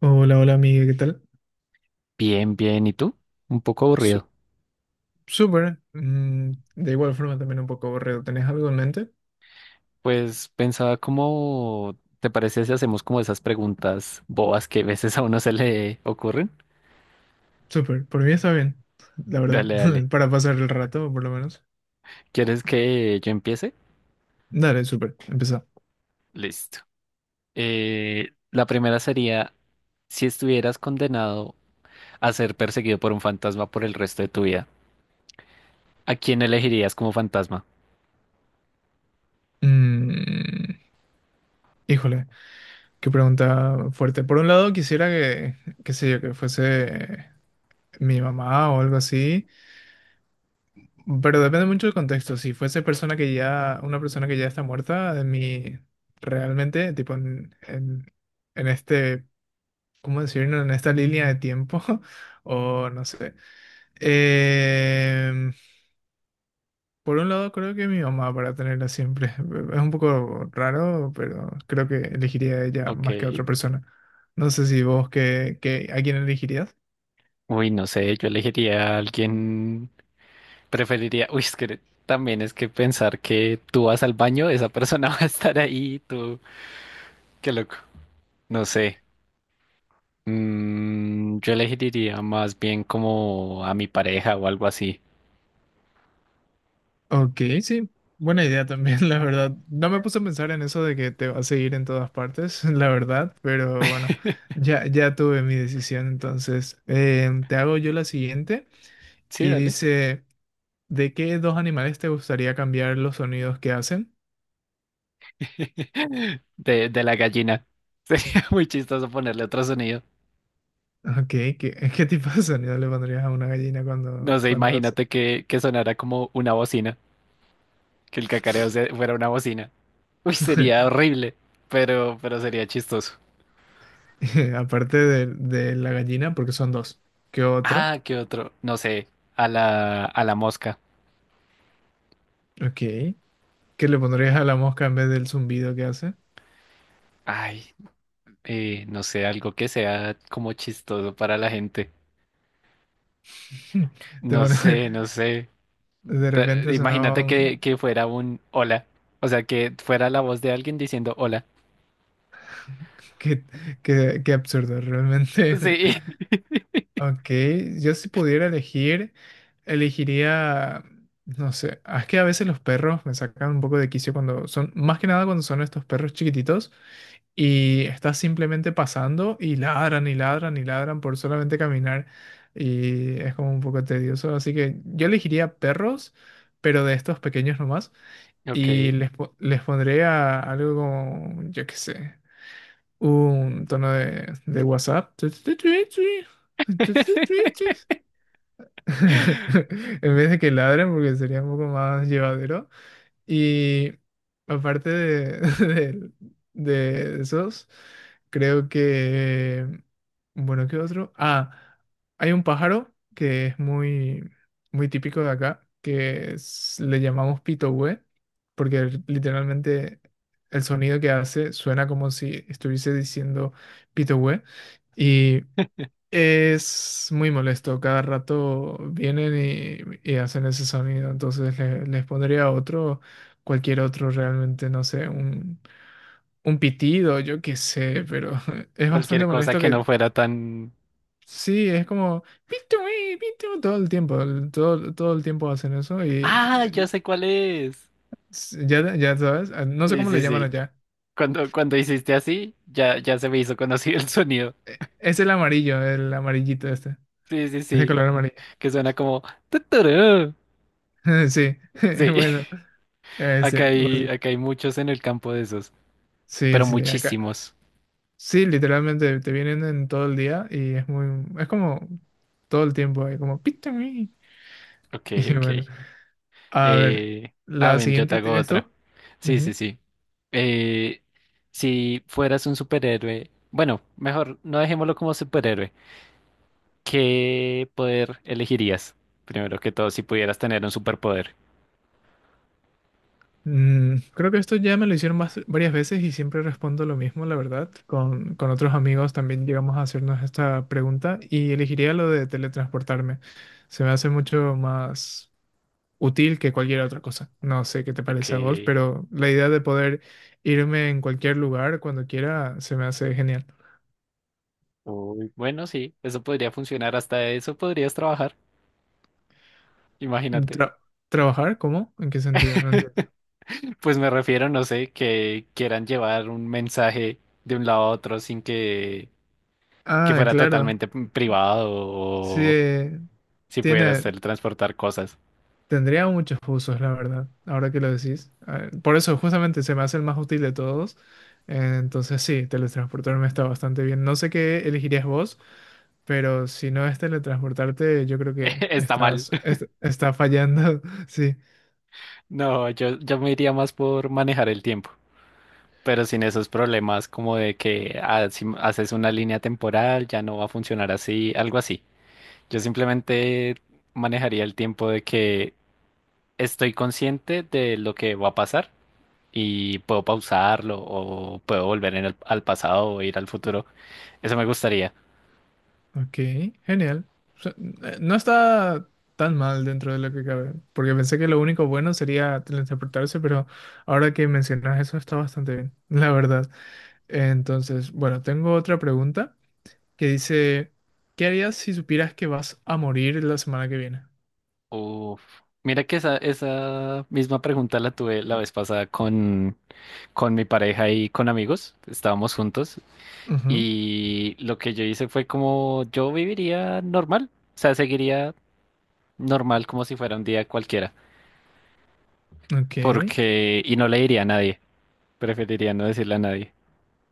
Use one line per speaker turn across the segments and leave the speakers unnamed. Hola, hola amiga, ¿qué tal?
Bien, bien. ¿Y tú? Un poco
Su-
aburrido.
Súper. De igual forma también un poco aburrido. ¿Tenés algo en mente?
Pues pensaba, cómo te parece si hacemos como esas preguntas bobas que a veces a uno se le ocurren.
Súper. Por mí está bien, la verdad.
Dale, dale.
Para pasar el rato, por lo menos.
¿Quieres que yo empiece?
Dale, súper. Empezá.
Listo. La primera sería, si estuvieras condenado a ser perseguido por un fantasma por el resto de tu vida, ¿a quién elegirías como fantasma?
Mm, Híjole, qué pregunta fuerte. Por un lado, qué sé yo, que fuese mi mamá o algo así. Pero depende mucho del contexto. Si fuese una persona que ya está muerta, de mí realmente, tipo en en este ¿cómo decirlo? En esta línea de tiempo, o no sé. Em, por un lado, creo que mi mamá para tenerla siempre. Es un poco raro, pero creo que elegiría a ella
Ok.
más que a otra persona. No sé si vos, ¿a quién elegirías?
Uy, no sé, yo elegiría a alguien. Preferiría, uy, es que también es que pensar que tú vas al baño, esa persona va a estar ahí, tú, qué loco. No sé. Mm, yo elegiría más bien como a mi pareja o algo así.
Ok, sí, buena idea también, la verdad. No me puse a pensar en eso de que te va a seguir en todas partes, la verdad, pero bueno, ya tuve mi decisión, entonces te hago yo la siguiente
Sí,
y
dale.
dice... ¿De qué dos animales te gustaría cambiar los sonidos que hacen?
De la gallina. Sería muy chistoso ponerle otro sonido.
Ok, ¿qué tipo de sonido le pondrías a una gallina
No sé,
cuando hace?
imagínate que sonara como una bocina, que el fuera una bocina. Uy, sería horrible, pero sería chistoso.
Aparte de la gallina, porque son dos. ¿Qué otro?
Ah, ¿qué otro? No sé, a la mosca.
Ok. ¿Qué le pondrías a la mosca en vez del zumbido que hace?
Ay, no sé, algo que sea como chistoso para la gente.
Te
No
pone-
sé, no sé.
de repente sonaba
Imagínate
un...
que fuera un hola. O sea, que fuera la voz de alguien diciendo hola.
Qué, qué absurdo, realmente.
Sí.
Ok, yo si pudiera elegir, elegiría, no sé, ah, es que a veces los perros me sacan un poco de quicio cuando son, más que nada cuando son estos perros chiquititos y estás simplemente pasando y ladran y ladran y ladran por solamente caminar y es como un poco tedioso, así que yo elegiría perros, pero de estos pequeños nomás
Ok.
y les pondré a algo como, yo qué sé, un tono de WhatsApp. En vez de que ladren, porque sería un poco más llevadero. Y aparte de, de esos, creo que... Bueno, ¿qué otro? Ah, hay un pájaro que es muy, muy típico de acá, le llamamos pitohue, porque literalmente el sonido que hace suena como si estuviese diciendo pitohue. Es muy molesto, cada rato vienen y hacen ese sonido, entonces les pondría otro, cualquier otro realmente, no sé, un pitido, yo qué sé, pero es
Cualquier
bastante
cosa
molesto
que no
que
fuera tan...
sí, es como "Pitu, pitu", todo el tiempo, todo el tiempo hacen eso y
Ah, ya
eh,
sé cuál es.
ya sabes, ah, no sé
Sí,
cómo le
sí,
llaman
sí.
allá,
Cuando, cuando hiciste así, ya, ya se me hizo conocido el sonido.
es el amarillo, el amarillito este,
Sí, sí,
es de
sí.
color amarillo,
Que suena como... "Tuturú".
sí,
Sí.
bueno, ese, básico.
Acá hay muchos en el campo de esos,
Sí,
pero
sí, acá.
muchísimos.
Sí, literalmente te vienen en todo el día y es muy, es como todo el tiempo ahí, como pita me.
Ok,
Y bueno,
ok.
a ver,
Eh,
la
ven, yo te
siguiente
hago
tienes
otra.
tú.
Sí, sí,
Ujú.
sí. Eh, si fueras un superhéroe, bueno, mejor no dejémoslo como superhéroe. ¿Qué poder elegirías? Primero que todo, si pudieras tener un superpoder.
Creo que esto ya me lo hicieron varias veces y siempre respondo lo mismo, la verdad. Con otros amigos también llegamos a hacernos esta pregunta y elegiría lo de teletransportarme. Se me hace mucho más útil que cualquier otra cosa. No sé qué te
Ok.
parece a vos, pero la idea de poder irme en cualquier lugar cuando quiera se me hace genial.
Uy, bueno, sí, eso podría funcionar, hasta eso podrías trabajar, imagínate.
Tra- ¿Trabajar? ¿Cómo? ¿En qué sentido? No entiendo.
Pues me refiero, no sé, que quieran llevar un mensaje de un lado a otro sin que
Ah,
fuera
claro.
totalmente privado, o
Sí,
si pudieras
tiene,
teletransportar cosas.
tendría muchos usos, la verdad, ahora que lo decís. Ah, por eso justamente se me hace el más útil de todos. Entonces sí, teletransportarme está bastante bien. No sé qué elegirías vos. Pero si no es teletransportarte, yo creo que
Está mal.
está fallando. Sí.
No, yo me iría más por manejar el tiempo, pero sin esos problemas como de que ah, si haces una línea temporal ya no va a funcionar así, algo así. Yo simplemente manejaría el tiempo, de que estoy consciente de lo que va a pasar. Y puedo pausarlo, o puedo volver al pasado o ir al futuro. Eso me gustaría.
Ok, genial. O sea, no está tan mal dentro de lo que cabe, porque pensé que lo único bueno sería teletransportarse, pero ahora que mencionas eso está bastante bien, la verdad. Entonces, bueno, tengo otra pregunta que dice, ¿qué harías si supieras que vas a morir la semana que viene?
Uf. Mira que esa misma pregunta la tuve la vez pasada con mi pareja y con amigos. Estábamos juntos
Ujú,
y lo que yo hice fue como yo viviría normal, o sea, seguiría normal como si fuera un día cualquiera,
ok.
porque y no le diría a nadie, preferiría no decirle a nadie.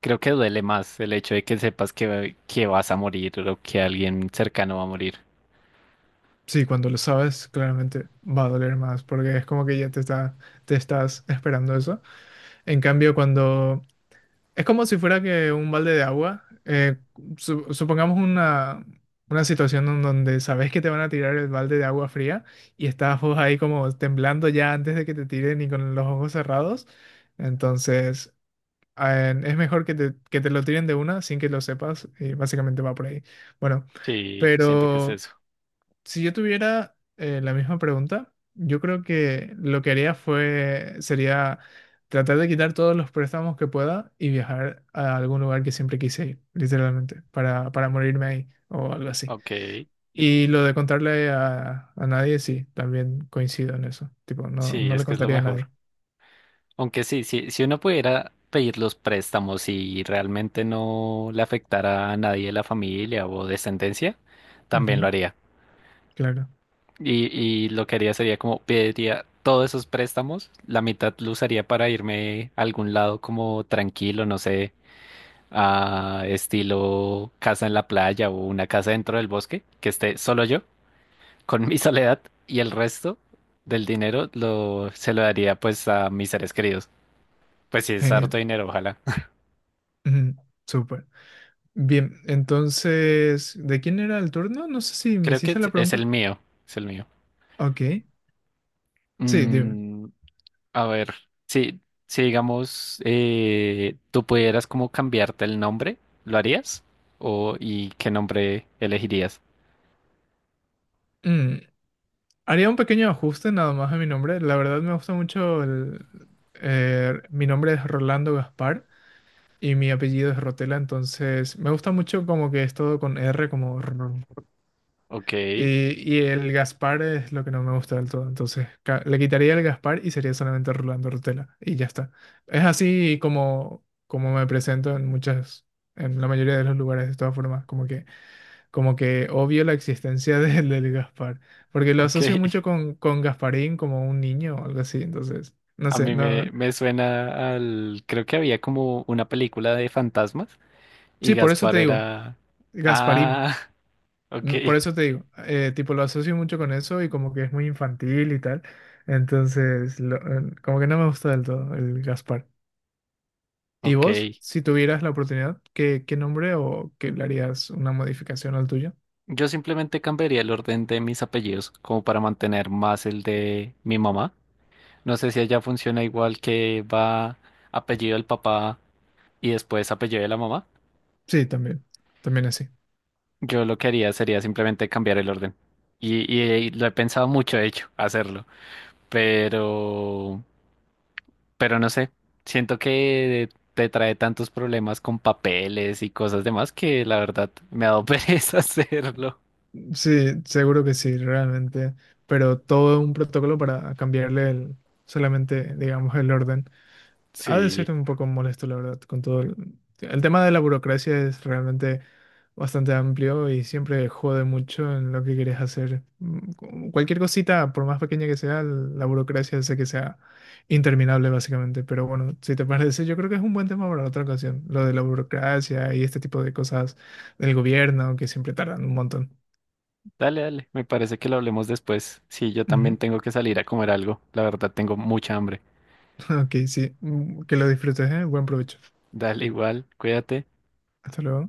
Creo que duele más el hecho de que sepas que vas a morir o que alguien cercano va a morir.
Sí, cuando lo sabes, claramente va a doler más, porque es como que ya te estás esperando eso. En cambio, cuando es como si fuera que un balde de agua, supongamos una situación en donde sabes que te van a tirar el balde de agua fría y estás vos ahí como temblando ya antes de que te tiren y con los ojos cerrados. Entonces, es mejor que que te lo tiren de una sin que lo sepas y básicamente va por ahí. Bueno,
Sí, siento que es
pero
eso.
si yo tuviera la misma pregunta, yo creo que lo que sería tratar de quitar todos los préstamos que pueda y viajar a algún lugar que siempre quise ir, literalmente, para morirme ahí o algo así.
Ok,
Y lo de contarle a nadie, sí, también coincido en eso. Tipo, no,
sí,
no le
es que es lo
contaría a
mejor.
nadie.
Aunque sí, sí, si uno pudiera pedir los préstamos y realmente no le afectara a nadie de la familia o descendencia, también lo
Ujú,
haría.
claro,
Y, y lo que haría sería como pediría todos esos préstamos, la mitad lo usaría para irme a algún lado como tranquilo, no sé, a estilo casa en la playa o una casa dentro del bosque, que esté solo yo, con mi soledad, y el resto del se lo daría pues a mis seres queridos. Pues sí, es
genial.
harto dinero, ojalá.
Ujú, súper. Bien, entonces, ¿de quién era el turno? No sé si me
Creo que
hiciste la
es el
pregunta.
mío, es el mío.
Ok, sí, dime.
Mm, a ver, si, si, digamos, tú pudieras como cambiarte el nombre, ¿lo harías? O, ¿y qué nombre elegirías?
Mm. Haría un pequeño ajuste nada más a mi nombre. La verdad me gusta mucho el... mi nombre es Rolando Gaspar y mi apellido es Rotela, entonces me gusta mucho como que es todo con R, como... rr.
Ok,
Y el Gaspar es lo que no me gusta del todo, entonces le quitaría el Gaspar y sería solamente Rolando Rotela y ya está. Es así como, como me presento en muchas, en la mayoría de los lugares de todas formas, como que obvio la existencia del Gaspar, porque lo
ok.
asocio mucho con Gasparín como un niño o algo así, entonces, no
A
sé,
mí
no,
me suena al... Creo que había como una película de fantasmas y
sí, por eso
Gaspar
te digo,
era...
Gasparín,
Ah, ok,
mm, por eso te digo, tipo lo asocio mucho con eso y como que es muy infantil y tal, entonces, como que no me gusta del todo el Gaspar. ¿Y vos,
ok.
si tuvieras la oportunidad, qué nombre o qué le harías una modificación al tuyo?
Yo simplemente cambiaría el orden de mis apellidos como para mantener más el de mi mamá. No sé si allá funciona igual, que va apellido del papá y después apellido de la mamá.
Sí, también, también así.
Yo lo que haría sería simplemente cambiar el orden. Y, y- y lo he pensado mucho, de hecho, hacerlo. Pero, pero no sé. Siento que te trae tantos problemas con papeles y cosas demás que la verdad me ha dado pereza hacerlo.
Sí, seguro que sí, realmente. Pero todo un protocolo para solamente, digamos, el orden. Ha de
Sí,
ser un poco molesto, la verdad, con todo el tema de la burocracia es realmente bastante amplio y siempre jode mucho en lo que quieres hacer. Cualquier cosita, por más pequeña que sea, la burocracia hace que sea interminable, básicamente. Pero bueno, si te parece, yo creo que es un buen tema para otra ocasión, lo de la burocracia y este tipo de cosas del gobierno que siempre tardan un montón.
dale, dale. Me parece que lo hablemos después. Sí, yo también
Ujú.
tengo que salir a comer algo. La verdad, tengo mucha hambre.
Ok, sí. Que lo disfrutes, ¿eh? Buen provecho.
Dale igual, cuídate.
Hasta luego.